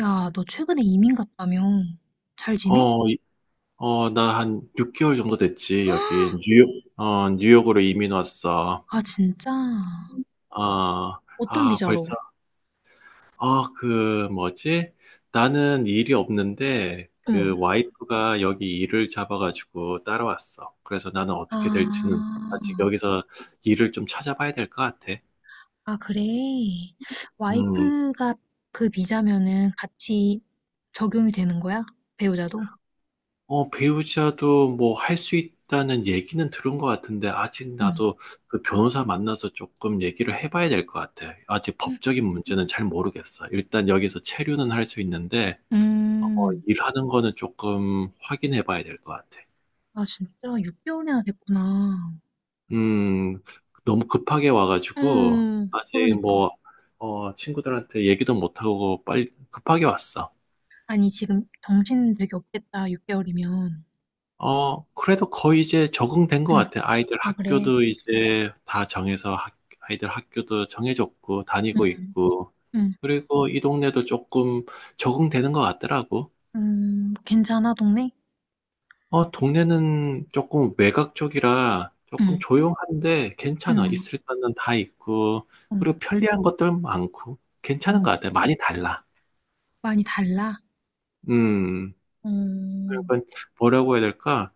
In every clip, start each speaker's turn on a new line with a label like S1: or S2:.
S1: 야, 너 최근에 이민 갔다며? 잘 지내?
S2: 어, 이- 나 한 6개월 정도 됐지, 여기. 뉴욕으로 이민 왔어.
S1: 아, 진짜?
S2: 아,
S1: 어떤 비자로?
S2: 벌써, 그, 뭐지? 나는 일이 없는데,
S1: 응.
S2: 그 와이프가 여기 일을 잡아가지고 따라왔어. 그래서 나는
S1: 아,
S2: 어떻게 될지는 아직 여기서 일을 좀 찾아봐야 될 것 같아.
S1: 아, 그래.
S2: 음.
S1: 와이프가 그 비자면은 같이 적용이 되는 거야? 배우자도?
S2: 배우자도 뭐 할 수 있다는 얘기는 들은 것 같은데, 아직
S1: 응.
S2: 나도 그 변호사 만나서 조금 얘기를 해봐야 될 것 같아. 아직 법적인 문제는 잘 모르겠어. 일단 여기서 체류는 할 수 있는데, 어,
S1: 음,
S2: 일하는 거는 조금 확인해봐야 될 것 같아.
S1: 아, 진짜? 6개월이나 됐구나.
S2: 음, 너무 급하게 와가지고,
S1: 응,
S2: 아직
S1: 그러니까.
S2: 뭐, 친구들한테 얘기도 못하고 빨리 급하게 왔어.
S1: 아니, 지금 정신 되게 없겠다, 6개월이면.
S2: 그래도 거의 이제 적응된 것
S1: 응.
S2: 같아. 아이들
S1: 아, 그래.
S2: 학교도 이제 다 정해서 아이들 학교도 정해졌고, 다니고
S1: 응,
S2: 있고,
S1: 응.
S2: 그리고 이 동네도 조금 적응되는 것 같더라고.
S1: 괜찮아, 동네?
S2: 동네는 조금 외곽 쪽이라 조금
S1: 응.
S2: 조용한데
S1: 응.
S2: 괜찮아. 있을 거는 다 있고,
S1: 음.
S2: 그리고 편리한 것들 많고, 괜찮은 것
S1: 어.
S2: 같아. 많이 달라.
S1: 많이 달라?
S2: 음.
S1: 응
S2: 약간 뭐라고 해야 될까?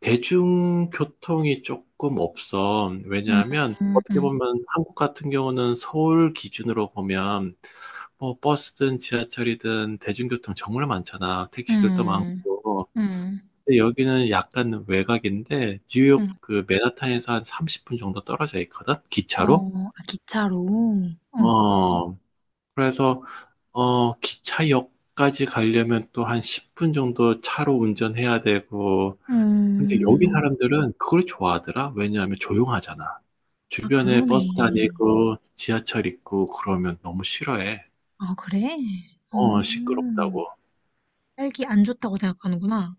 S2: 대중교통이 조금 없어.
S1: 음.
S2: 왜냐하면 어떻게
S1: 음.
S2: 보면 한국 같은 경우는 서울 기준으로 보면 뭐 버스든 지하철이든 대중교통 정말 많잖아. 택시들도
S1: 음.
S2: 많고.
S1: 음.
S2: 근데 여기는 약간 외곽인데 뉴욕
S1: 음.
S2: 그 맨하탄에서 한 30분 정도 떨어져 있거든.
S1: 어.
S2: 기차로.
S1: 아, 기차로? 어.
S2: 어. 그래서 기차역까지 가려면 또 한 10분 정도 차로 운전해야 되고 근데 여기
S1: 음.
S2: 사람들은 그걸 좋아하더라. 왜냐하면 조용하잖아.
S1: 아,
S2: 주변에
S1: 그러네.
S2: 버스 다니고 지하철 있고 그러면 너무 싫어해.
S1: 아, 그래? 어.
S2: 시끄럽다고.
S1: 딸기 안 좋다고 생각하는구나.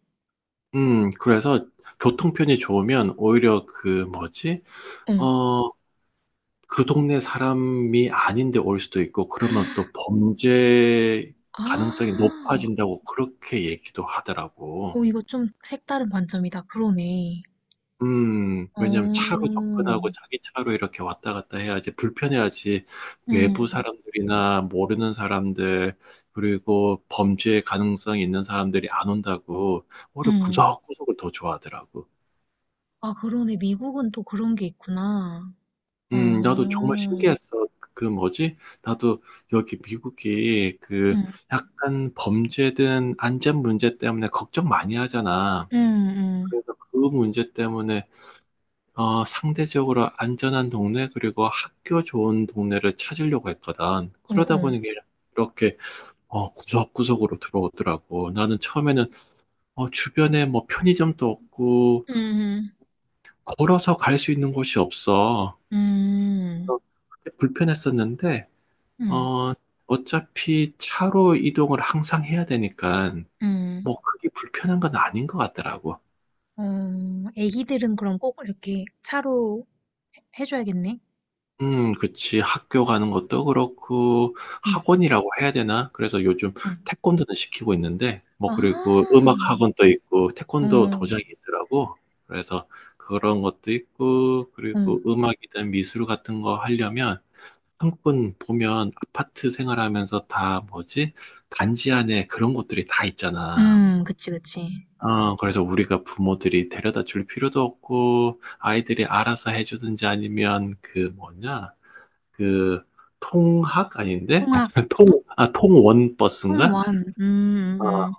S2: 그래서 교통편이 좋으면 오히려 그 뭐지?
S1: 어.
S2: 어, 그 동네 사람이 아닌데 올 수도 있고 그러면 또 범죄 가능성이
S1: 아.
S2: 높아진다고 그렇게 얘기도 하더라고.
S1: 오, 이거 좀 색다른 관점이다. 그러네.
S2: 왜냐면 차로
S1: 어.
S2: 접근하고 자기 차로 이렇게 왔다 갔다 해야지 불편해야지 외부
S1: 음.
S2: 사람들이나 모르는 사람들 그리고 범죄 가능성이 있는 사람들이 안 온다고 오히려
S1: 음.
S2: 구석구석을 더 좋아하더라고.
S1: 아, 그러네. 미국은 또 그런 게 있구나. 어.
S2: 나도 정말 신기했어. 그 뭐지? 나도 여기 미국이 그
S1: 음.
S2: 약간 범죄든 안전 문제 때문에 걱정 많이 하잖아.
S1: 음음.
S2: 그래서 그 문제 때문에 상대적으로 안전한 동네, 그리고 학교 좋은 동네를 찾으려고 했거든. 그러다
S1: 응응.
S2: 보니까 이렇게, 구석구석으로 들어오더라고. 나는 처음에는, 주변에 뭐 편의점도 없고,
S1: 음.
S2: 걸어서 갈 수 있는 곳이 없어.
S1: 음.
S2: 그래서 그때 불편했었는데,
S1: 음.
S2: 어, 어차피 차로 이동을 항상 해야 되니까,
S1: 음.
S2: 뭐 그게 불편한 건 아닌 것 같더라고.
S1: 어, 애기들은 그럼 꼭 이렇게 차로 해줘야겠네.
S2: 그치. 학교 가는 것도 그렇고,
S1: 응.
S2: 학원이라고 해야 되나? 그래서 요즘
S1: 응.
S2: 태권도는 시키고 있는데, 뭐, 그리고 음악
S1: 아.
S2: 학원도 있고, 태권도
S1: 어.
S2: 도장이 있더라고. 그래서 그런 것도 있고,
S1: 응.
S2: 그리고 음악이든 미술 같은 거 하려면, 한국은 보면 아파트 생활하면서 다 뭐지? 단지 안에 그런 것들이 다 있잖아.
S1: 음. 그치, 그치.
S2: 그래서 우리가 부모들이 데려다 줄 필요도 없고, 아이들이 알아서 해주든지 아니면 그 뭐냐? 그 통학 아닌데
S1: 통학. 통-
S2: 통원 버스인가?
S1: 통원. 음.
S2: 아,
S1: 음. 음.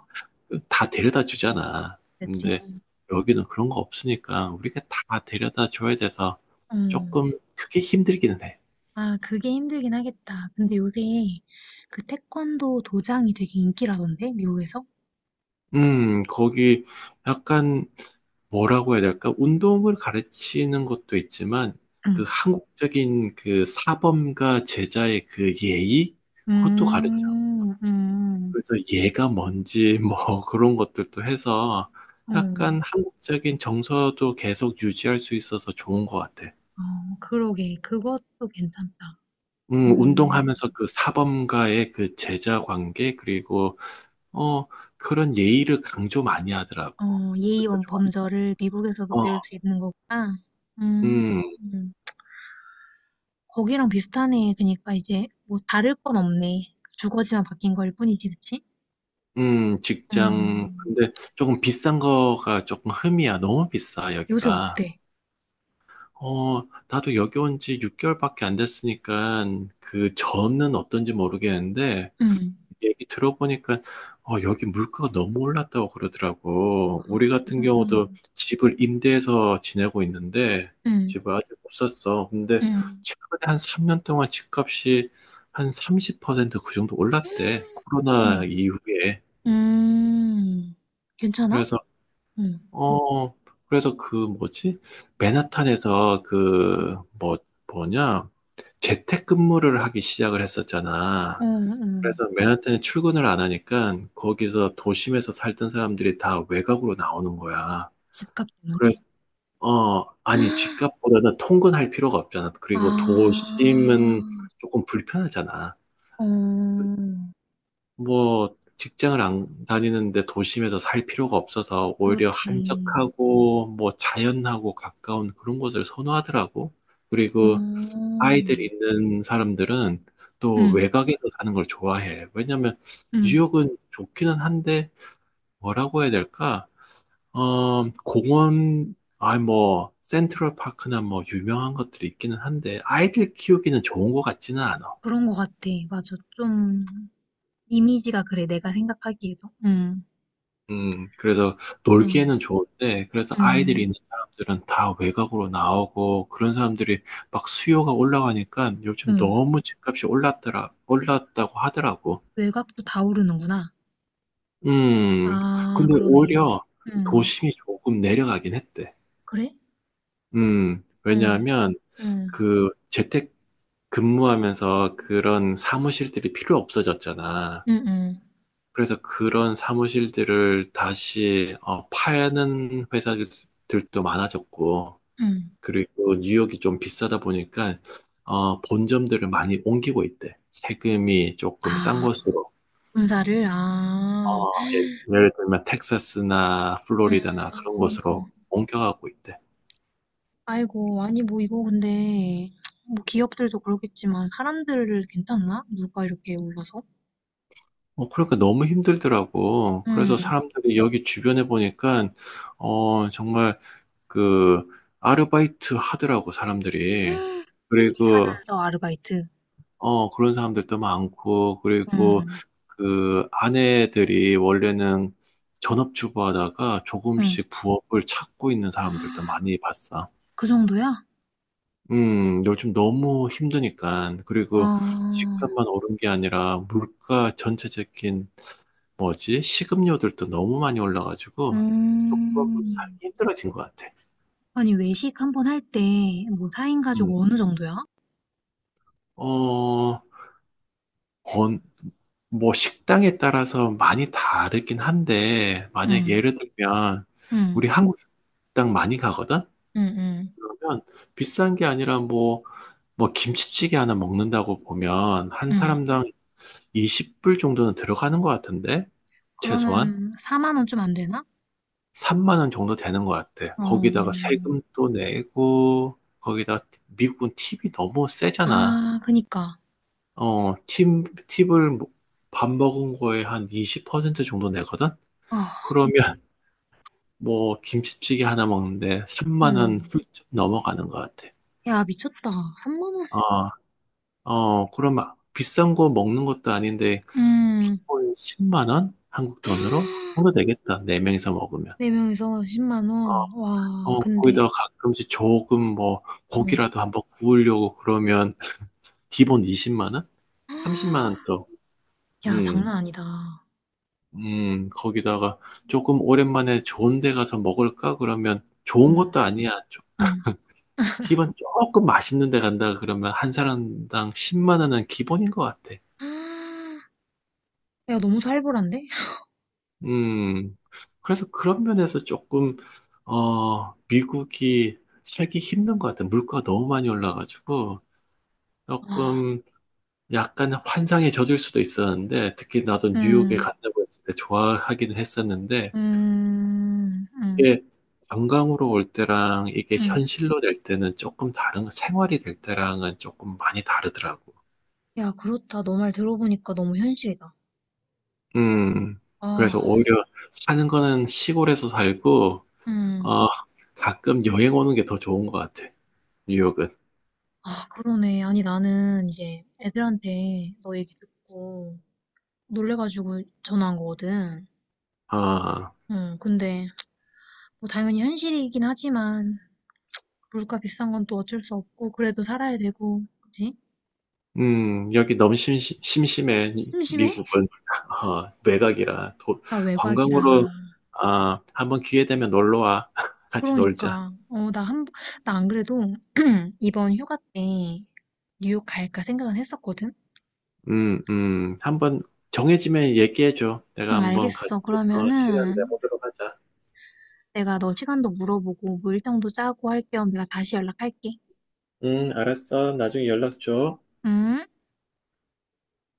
S2: 다 데려다 주잖아.
S1: 그치.
S2: 근데 여기는 그런 거 없으니까 우리가 다 데려다 줘야 돼서
S1: 음.
S2: 조금 그게 힘들기는 해.
S1: 아, 그게 힘들긴 하겠다. 근데 요새 그 태권도 도장이 되게 인기라던데, 미국에서?
S2: 거기 약간 뭐라고 해야 될까? 운동을 가르치는 것도 있지만
S1: 응.
S2: 그 한국적인 그 사범과 제자의 그 예의 그것도 가르쳐.
S1: 음, 음, 음.
S2: 그래서 얘가 뭔지 뭐 그런 것들도 해서
S1: 응.
S2: 약간 한국적인 정서도 계속 유지할 수 있어서 좋은 것 같아.
S1: 어, 그러게. 그것도 괜찮다. 어,
S2: 운동하면서 그 사범과의 그 제자 관계, 그리고, 어, 그런 예의를 강조 많이 하더라고.
S1: 어,
S2: 그래서
S1: 예의원
S2: 좋았어.
S1: 범절을 미국에서도 배울
S2: 어,
S1: 수 있는 거구나. 음,
S2: 음,
S1: 음. 거기랑 비슷하네. 그러니까 이제 뭐 다를 건 없네. 주거지만 바뀐 거일 뿐이지, 그치?
S2: 직장.
S1: 음,
S2: 근데 조금 비싼 거가 조금 흠이야. 너무 비싸,
S1: 요새
S2: 여기가.
S1: 어때?
S2: 나도 여기 온 지 6개월밖에 안 됐으니까 그 전은 어떤지 모르겠는데,
S1: 음,
S2: 얘기 들어보니까 여기 물가가 너무 올랐다고 그러더라고. 우리 같은 경우도
S1: 음,
S2: 집을 임대해서 지내고 있는데
S1: 음,
S2: 집을 아직 못 샀어. 근데
S1: 음,
S2: 최근에 한 3년 동안 집값이 한 30%그 정도 올랐대. 코로나
S1: 음,
S2: 이후에.
S1: 음. 괜찮아?
S2: 그래서
S1: 응,
S2: 어 그래서 그 뭐지? 맨하탄에서 그 뭐 뭐냐? 재택근무를 하기 시작을
S1: 어,
S2: 했었잖아.
S1: 응.
S2: 그래서 맨하탄에 출근을 안 하니까 거기서 도심에서 살던 사람들이 다 외곽으로 나오는 거야.
S1: 집값 때문에?
S2: 그래서, 아니, 집값보다는 통근할 필요가 없잖아. 그리고
S1: 아,
S2: 도심은 조금 불편하잖아.
S1: 어.
S2: 뭐, 직장을 안 다니는데 도심에서 살 필요가 없어서 오히려
S1: 그렇지.
S2: 한적하고 뭐 자연하고 가까운 그런 곳을 선호하더라고. 그리고 아이들
S1: 음.
S2: 있는 사람들은 또
S1: 응,
S2: 외곽에서 사는 걸 좋아해. 왜냐면
S1: 응.
S2: 뉴욕은 좋기는 한데 뭐라고 해야 될까? 공원, 뭐, 센트럴 파크나 뭐, 유명한 것들이 있기는 한데, 아이들 키우기는 좋은 것 같지는 않아.
S1: 그런 것 같아. 맞아. 좀, 이미지가 그래. 내가 생각하기에도. 응,
S2: 그래서 놀기에는
S1: 응,
S2: 좋은데, 그래서 아이들이
S1: 응,
S2: 있는 사람들은 다 외곽으로 나오고, 그런 사람들이 막 수요가 올라가니까 요즘
S1: 응.
S2: 너무 집값이 올랐더라, 올랐다고 하더라고.
S1: 외곽도 다 오르는구나.
S2: 음,
S1: 아,
S2: 근데
S1: 그러네.
S2: 오히려
S1: 응.
S2: 도심이 조금 내려가긴 했대.
S1: 그래? 응,
S2: 왜냐하면
S1: 응,
S2: 그 재택 근무하면서 그런 사무실들이 필요 없어졌잖아.
S1: 응, 응,
S2: 그래서 그런 사무실들을 다시 파는 회사들도 많아졌고,
S1: 응.
S2: 그리고 뉴욕이 좀 비싸다 보니까 본점들을 많이 옮기고 있대. 세금이 조금 싼
S1: 아,
S2: 곳으로,
S1: 군사를?
S2: 어,
S1: 아.
S2: 예, 예를 들면 텍사스나 플로리다나 그런
S1: 음,
S2: 곳으로 옮겨가고 있대.
S1: 아이고, 아니, 뭐, 이거 근데, 뭐, 기업들도 그러겠지만, 사람들을 괜찮나? 누가 이렇게 올라서?
S2: 그러니까 너무 힘들더라고.
S1: 음.
S2: 그래서 사람들이 여기 주변에 보니까 정말 그 아르바이트 하더라고 사람들이. 그리고
S1: 하면서 아르바이트.
S2: 그런 사람들도 많고 그리고
S1: 음,
S2: 그 아내들이 원래는 전업주부 하다가
S1: 음.
S2: 조금씩 부업을 찾고 있는 사람들도 많이 봤어.
S1: 그 정도야?
S2: 요즘 너무 힘드니까. 그리고
S1: 아,
S2: 집값만 오른 게 아니라 물가 전체적인 뭐지? 식음료들도 너무 많이 올라가지고 조금
S1: 음.
S2: 살기 힘들어진 것 같아.
S1: 아니, 외식 한 번 할 때, 뭐, 4인 가족
S2: 음,
S1: 어느 정도야?
S2: 어, 번, 뭐 식당에 따라서 많이 다르긴 한데 만약
S1: 음,
S2: 예를 들면
S1: 음,
S2: 우리 한국 식당 많이 가거든?
S1: 음, 음,
S2: 그러면 비싼 게 아니라 뭐 김치찌개 하나 먹는다고 보면 한
S1: 음.
S2: 사람당 20불 정도는 들어가는 것 같은데 최소한
S1: 그러면 4만 원 좀 안 되나?
S2: 3만 원 정도 되는 것 같아.
S1: 어,
S2: 거기다가 세금도 내고 거기다 미국은 팁이 너무 세잖아.
S1: 아, 그니까.
S2: 어, 팁, 팁을 뭐밥 먹은 거에 한 20% 정도 내거든?
S1: 아,
S2: 그러면 뭐 김치찌개 하나 먹는데 3만 원
S1: 음.
S2: 훌쩍 넘어가는 것 같아.
S1: 야, 미쳤다. 3만 원?
S2: 어, 그럼 막 비싼 거 먹는 것도 아닌데
S1: 음.
S2: 기본 10만 원? 한국 돈으로? 그 정도 되겠다. 네명이서 먹으면.
S1: 4명에서 10만 원.
S2: 어,
S1: 와,
S2: 거기다가
S1: 근데,
S2: 가끔씩 조금 뭐
S1: 음.
S2: 고기라도 한번 구우려고 그러면 기본 20만 원? 30만 원 또.
S1: 야,
S2: 음,
S1: 장난 아니다.
S2: 거기다가 조금 오랜만에 좋은 데 가서 먹을까? 그러면 좋은
S1: 음,
S2: 것도 아니야.
S1: 음.
S2: 기본 조금 맛있는 데 간다 그러면 한 사람당 10만 원은 기본인 것 같아.
S1: 아, 야, 너무 살벌한데?
S2: 음, 그래서 그런 면에서 조금, 미국이 살기 힘든 것 같아. 물가가 너무 많이 올라가지고,
S1: 아,
S2: 조금 약간 환상에 젖을 수도 있었는데, 특히 나도 뉴욕에
S1: 음,
S2: 간다고 했을 때 좋아하기는 했었는데,
S1: 음, 음,
S2: 이게 관광으로 올 때랑 이게
S1: 음.
S2: 현실로 될 때는 조금 다른, 생활이 될 때랑은 조금 많이 다르더라고.
S1: 야, 그렇다. 너 말 들어보니까 너무 현실이다.
S2: 음,
S1: 아,
S2: 그래서 오히려 사는 거는 시골에서 살고,
S1: 음.
S2: 어, 가끔 여행 오는 게 더 좋은 것 같아, 뉴욕은.
S1: 아, 그러네. 아니, 나는 이제 애들한테 너 얘기 듣고 놀래가지고 전화한 거거든.
S2: 아,
S1: 응, 근데 뭐 당연히 현실이긴 하지만 물가 비싼 건 또 어쩔 수 없고 그래도 살아야 되고, 그치?
S2: 여기 너무 심심해,
S1: 심심해?
S2: 미국은. 외곽이라.
S1: 나 외곽이라.
S2: 관광으로, 한번 기회 되면 놀러 와. 같이 놀자.
S1: 그러니까 어, 나 한, 나 안 그래도 이번 휴가 때 뉴욕 갈까 생각은 했었거든?
S2: 한번 정해지면 얘기해줘. 내가
S1: 응,
S2: 한번 같이,
S1: 알겠어.
S2: 시간
S1: 그러면은
S2: 내보도록 하자.
S1: 내가 너 시간도 물어보고 뭐 일정도 짜고 할 겸 내가 다시 연락할게.
S2: 알았어. 나중에 연락 줘.
S1: 응?